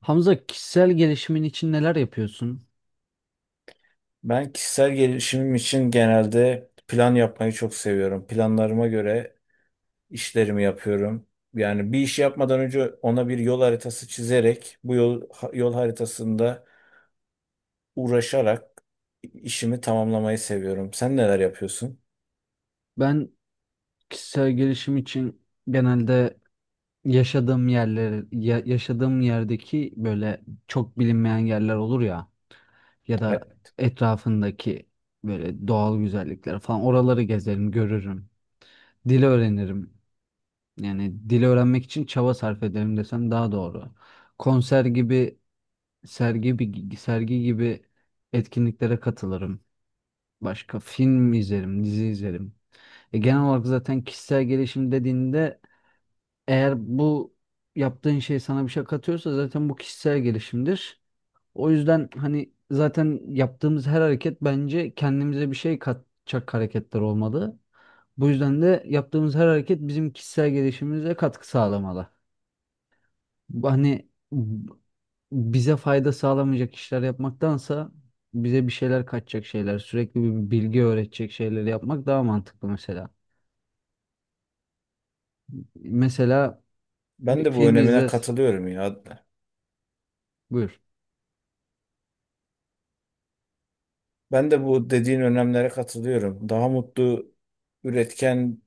Hamza kişisel gelişimin için neler yapıyorsun? Ben kişisel gelişimim için genelde plan yapmayı çok seviyorum. Planlarıma göre işlerimi yapıyorum. Yani bir işi yapmadan önce ona bir yol haritası çizerek, yol haritasında uğraşarak işimi tamamlamayı seviyorum. Sen neler yapıyorsun? Ben kişisel gelişim için genelde yaşadığım yerler, yaşadığım yerdeki böyle çok bilinmeyen yerler olur ya ya E, da etrafındaki böyle doğal güzellikler falan oraları gezerim, görürüm. Dil öğrenirim. Yani dil öğrenmek için çaba sarf ederim desem daha doğru. Konser gibi, sergi gibi etkinliklere katılırım. Başka film izlerim, dizi izlerim. Genel olarak zaten kişisel gelişim dediğinde eğer bu yaptığın şey sana bir şey katıyorsa zaten bu kişisel gelişimdir. O yüzden hani zaten yaptığımız her hareket bence kendimize bir şey katacak hareketler olmalı. Bu yüzden de yaptığımız her hareket bizim kişisel gelişimimize katkı sağlamalı. Hani bize fayda sağlamayacak işler yapmaktansa bize bir şeyler kaçacak şeyler, sürekli bir bilgi öğretecek şeyleri yapmak daha mantıklı mesela. Mesela Ben bir de bu film önemine izler. katılıyorum ya. Buyur. Ben de bu dediğin önemlere katılıyorum. Daha mutlu, üretken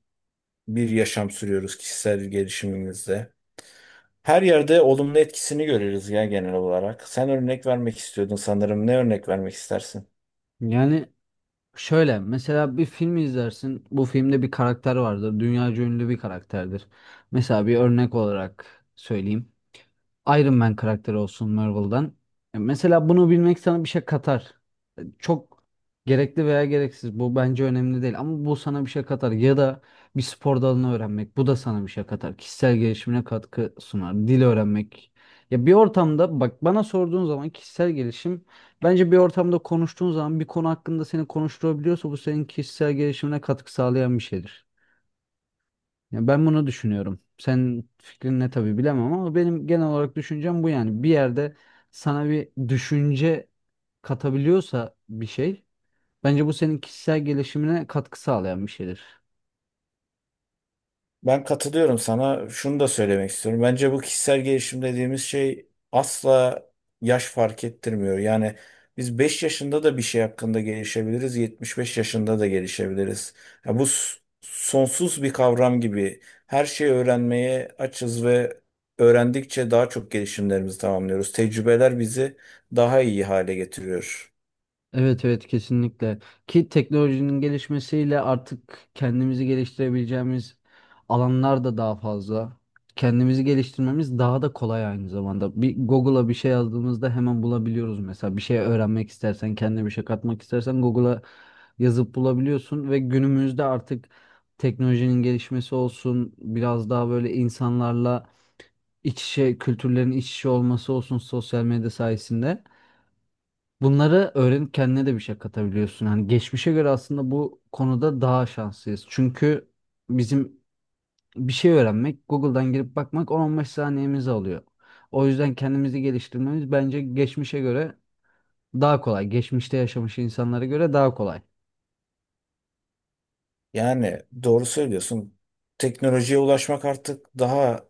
bir yaşam sürüyoruz kişisel gelişimimizde. Her yerde olumlu etkisini görürüz ya genel olarak. Sen örnek vermek istiyordun sanırım. Ne örnek vermek istersin? Yani şöyle mesela bir film izlersin. Bu filmde bir karakter vardır. Dünyaca ünlü bir karakterdir. Mesela bir örnek olarak söyleyeyim. Iron Man karakteri olsun Marvel'dan. Mesela bunu bilmek sana bir şey katar. Çok gerekli veya gereksiz bu bence önemli değil ama bu sana bir şey katar ya da bir spor dalını öğrenmek bu da sana bir şey katar. Kişisel gelişimine katkı sunar. Dil öğrenmek. Ya bir ortamda bak bana sorduğun zaman kişisel gelişim bence bir ortamda konuştuğun zaman bir konu hakkında seni konuşturabiliyorsa bu senin kişisel gelişimine katkı sağlayan bir şeydir. Ya ben bunu düşünüyorum. Senin fikrin ne tabii bilemem ama benim genel olarak düşüncem bu yani. Bir yerde sana bir düşünce katabiliyorsa bir şey, bence bu senin kişisel gelişimine katkı sağlayan bir şeydir. Ben katılıyorum sana. Şunu da söylemek istiyorum. Bence bu kişisel gelişim dediğimiz şey asla yaş fark ettirmiyor. Yani biz 5 yaşında da bir şey hakkında gelişebiliriz, 75 yaşında da gelişebiliriz. Ya sonsuz bir kavram gibi. Her şeyi öğrenmeye açız ve öğrendikçe daha çok gelişimlerimizi tamamlıyoruz. Tecrübeler bizi daha iyi hale getiriyor. Evet evet, kesinlikle. Ki teknolojinin gelişmesiyle artık kendimizi geliştirebileceğimiz alanlar da daha fazla. Kendimizi geliştirmemiz daha da kolay aynı zamanda. Bir Google'a bir şey yazdığımızda hemen bulabiliyoruz mesela. Bir şey öğrenmek istersen, kendine bir şey katmak istersen Google'a yazıp bulabiliyorsun ve günümüzde artık teknolojinin gelişmesi olsun, biraz daha böyle insanlarla iç içe, kültürlerin iç içe olması olsun sosyal medya sayesinde. Bunları öğrenip kendine de bir şey katabiliyorsun. Hani geçmişe göre aslında bu konuda daha şanslıyız. Çünkü bizim bir şey öğrenmek, Google'dan girip bakmak 10-15 saniyemizi alıyor. O yüzden kendimizi geliştirmemiz bence geçmişe göre daha kolay. Geçmişte yaşamış insanlara göre daha kolay. Yani doğru söylüyorsun. Teknolojiye ulaşmak artık daha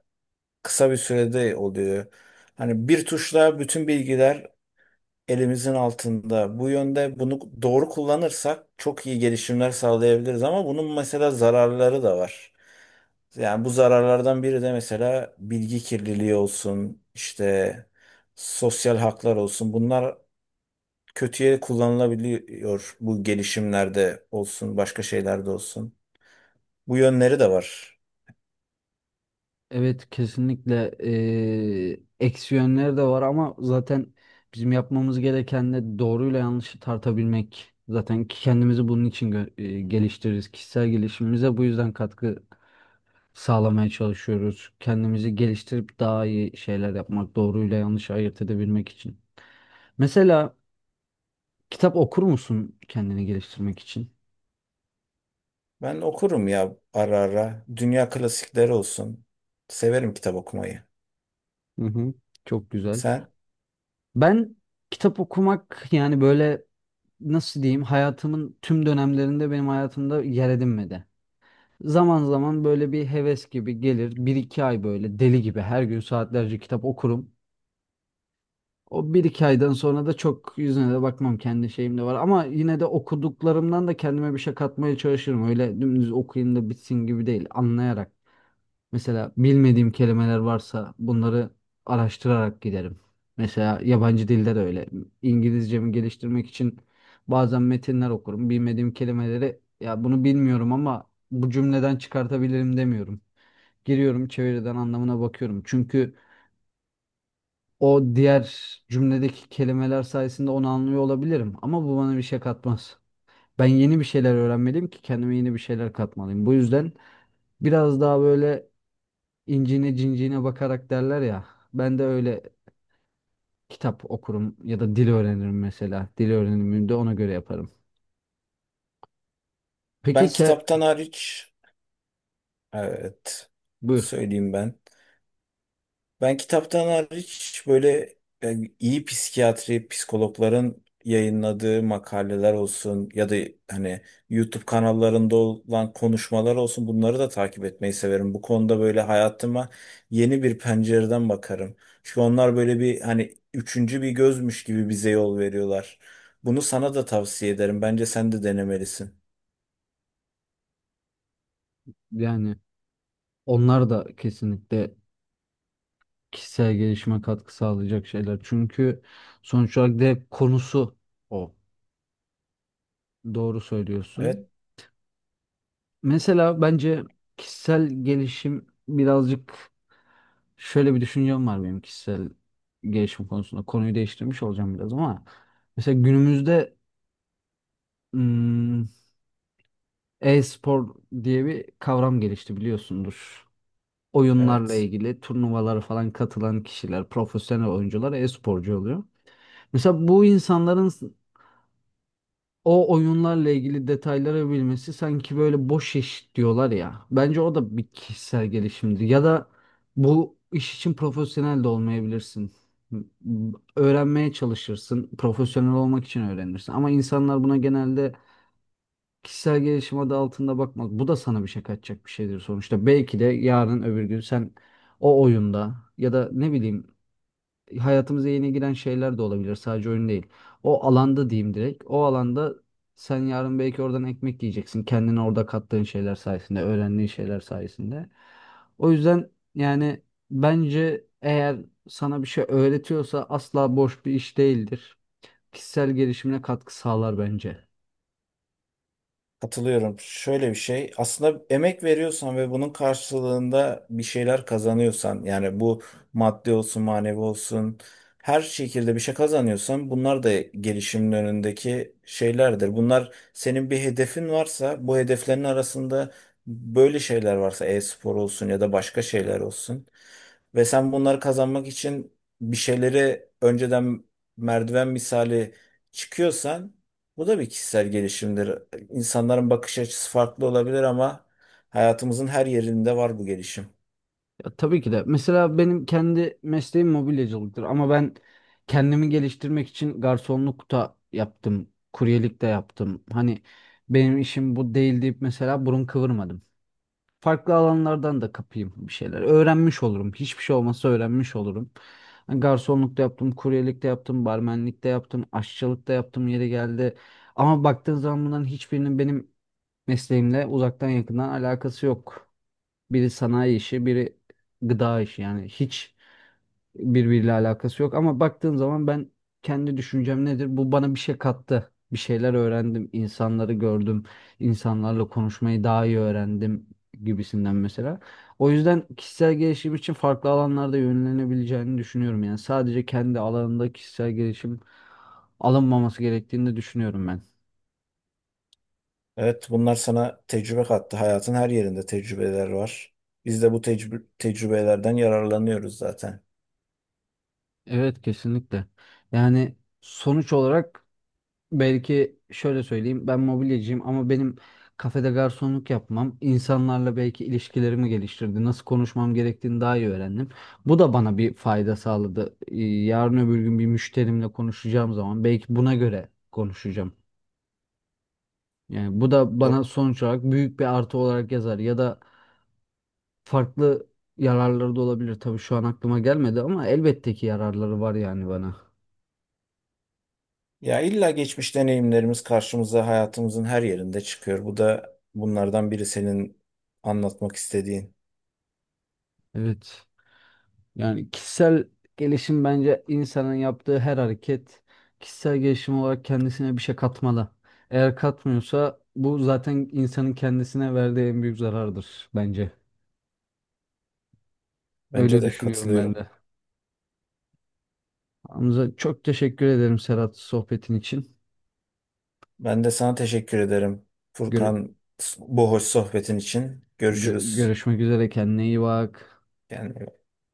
kısa bir sürede oluyor. Hani bir tuşla bütün bilgiler elimizin altında. Bu yönde bunu doğru kullanırsak çok iyi gelişimler sağlayabiliriz ama bunun mesela zararları da var. Yani bu zararlardan biri de mesela bilgi kirliliği olsun, işte sosyal haklar olsun. Bunlar kötüye kullanılabiliyor bu gelişimlerde olsun, başka şeylerde olsun. Bu yönleri de var. Evet kesinlikle eksi yönleri de var ama zaten bizim yapmamız gereken de doğruyla yanlışı tartabilmek. Zaten ki kendimizi bunun için geliştiririz. Kişisel gelişimimize bu yüzden katkı sağlamaya çalışıyoruz. Kendimizi geliştirip daha iyi şeyler yapmak, doğruyla yanlışı ayırt edebilmek için. Mesela kitap okur musun kendini geliştirmek için? Ben okurum ya ara ara. Dünya klasikleri olsun. Severim kitap okumayı. Hı hı. Çok güzel. Sen? Ben kitap okumak yani böyle nasıl diyeyim hayatımın tüm dönemlerinde benim hayatımda yer edinmedi. Zaman zaman böyle bir heves gibi gelir. Bir iki ay böyle deli gibi her gün saatlerce kitap okurum. O bir iki aydan sonra da çok yüzüne de bakmam kendi şeyim de var. Ama yine de okuduklarımdan da kendime bir şey katmaya çalışırım. Öyle dümdüz okuyayım da bitsin gibi değil. Anlayarak. Mesela bilmediğim kelimeler varsa bunları araştırarak giderim. Mesela yabancı dilde de öyle. İngilizcemi geliştirmek için bazen metinler okurum. Bilmediğim kelimeleri ya bunu bilmiyorum ama bu cümleden çıkartabilirim demiyorum. Giriyorum çeviriden anlamına bakıyorum. Çünkü o diğer cümledeki kelimeler sayesinde onu anlıyor olabilirim. Ama bu bana bir şey katmaz. Ben yeni bir şeyler öğrenmeliyim ki kendime yeni bir şeyler katmalıyım. Bu yüzden biraz daha böyle incine cinciğine bakarak derler ya. Ben de öyle kitap okurum ya da dil öğrenirim mesela. Dil öğrenimimi de ona göre yaparım. Peki Ben se kitaptan hariç evet Buyur. söyleyeyim ben. Ben kitaptan hariç böyle iyi psikiyatri, psikologların yayınladığı makaleler olsun ya da hani YouTube kanallarında olan konuşmalar olsun bunları da takip etmeyi severim. Bu konuda böyle hayatıma yeni bir pencereden bakarım. Çünkü onlar böyle bir hani üçüncü bir gözmüş gibi bize yol veriyorlar. Bunu sana da tavsiye ederim. Bence sen de denemelisin. Yani onlar da kesinlikle kişisel gelişime katkı sağlayacak şeyler. Çünkü sonuç olarak da hep konusu o. Doğru söylüyorsun. Evet, Mesela bence kişisel gelişim birazcık şöyle bir düşüncem var benim kişisel gelişim konusunda. Konuyu değiştirmiş olacağım biraz ama mesela günümüzde hmm, e-spor diye bir kavram gelişti biliyorsundur. Oyunlarla evet. ilgili turnuvalara falan katılan kişiler, profesyonel oyuncular e-sporcu oluyor. Mesela bu insanların o oyunlarla ilgili detayları bilmesi sanki böyle boş iş diyorlar ya. Bence o da bir kişisel gelişimdir. Ya da bu iş için profesyonel de olmayabilirsin. M- Öğrenmeye çalışırsın. Profesyonel olmak için öğrenirsin. Ama insanlar buna genelde kişisel gelişim adı altında bakmaz. Bu da sana bir şey kaçacak bir şeydir sonuçta. Belki de yarın öbür gün sen o oyunda ya da ne bileyim hayatımıza yeni giren şeyler de olabilir. Sadece oyun değil. O alanda diyeyim direkt. O alanda sen yarın belki oradan ekmek yiyeceksin. Kendine orada kattığın şeyler sayesinde, öğrendiğin şeyler sayesinde. O yüzden yani bence eğer sana bir şey öğretiyorsa asla boş bir iş değildir. Kişisel gelişimine katkı sağlar bence. Katılıyorum. Şöyle bir şey. Aslında emek veriyorsan ve bunun karşılığında bir şeyler kazanıyorsan, yani bu maddi olsun, manevi olsun, her şekilde bir şey kazanıyorsan bunlar da gelişimin önündeki şeylerdir. Bunlar senin bir hedefin varsa, bu hedeflerin arasında böyle şeyler varsa, e-spor olsun ya da başka şeyler olsun ve sen bunları kazanmak için bir şeyleri önceden merdiven misali çıkıyorsan bu da bir kişisel gelişimdir. İnsanların bakış açısı farklı olabilir ama hayatımızın her yerinde var bu gelişim. Ya tabii ki de. Mesela benim kendi mesleğim mobilyacılıktır ama ben kendimi geliştirmek için garsonluk da yaptım, kuryelik de yaptım. Hani benim işim bu değil deyip mesela burun kıvırmadım. Farklı alanlardan da kapayım bir şeyler. Öğrenmiş olurum. Hiçbir şey olmasa öğrenmiş olurum. Hani garsonluk da yaptım, kuryelik de yaptım, barmenlik de yaptım, aşçılık da yaptım yeri geldi. Ama baktığın zaman bunların hiçbirinin benim mesleğimle uzaktan yakından alakası yok. Biri sanayi işi, biri gıda işi. Yani hiç birbiriyle alakası yok. Ama baktığın zaman ben kendi düşüncem nedir? Bu bana bir şey kattı. Bir şeyler öğrendim, insanları gördüm, insanlarla konuşmayı daha iyi öğrendim gibisinden mesela. O yüzden kişisel gelişim için farklı alanlarda yönlenebileceğini düşünüyorum. Yani sadece kendi alanında kişisel gelişim alınmaması gerektiğini de düşünüyorum ben. Evet, bunlar sana tecrübe kattı. Hayatın her yerinde tecrübeler var. Biz de bu tecrübelerden yararlanıyoruz zaten. Evet kesinlikle. Yani sonuç olarak belki şöyle söyleyeyim ben mobilyacıyım ama benim kafede garsonluk yapmam insanlarla belki ilişkilerimi geliştirdi. Nasıl konuşmam gerektiğini daha iyi öğrendim. Bu da bana bir fayda sağladı. Yarın öbür gün bir müşterimle konuşacağım zaman belki buna göre konuşacağım. Yani bu da Do- bana sonuç olarak büyük bir artı olarak yazar ya da farklı yararları da olabilir. Tabii şu an aklıma gelmedi ama elbette ki yararları var yani bana. Ya illa geçmiş deneyimlerimiz karşımıza hayatımızın her yerinde çıkıyor. Bu da bunlardan biri senin anlatmak istediğin. Evet. Yani kişisel gelişim bence insanın yaptığı her hareket kişisel gelişim olarak kendisine bir şey katmalı. Eğer katmıyorsa bu zaten insanın kendisine verdiği en büyük zarardır bence. Bence Öyle de düşünüyorum ben katılıyorum. de. Hamza çok teşekkür ederim Serhat sohbetin için. Ben de sana teşekkür ederim Gör- Furkan bu hoş sohbetin için. Görüşürüz. görüşmek üzere kendine iyi bak. Yani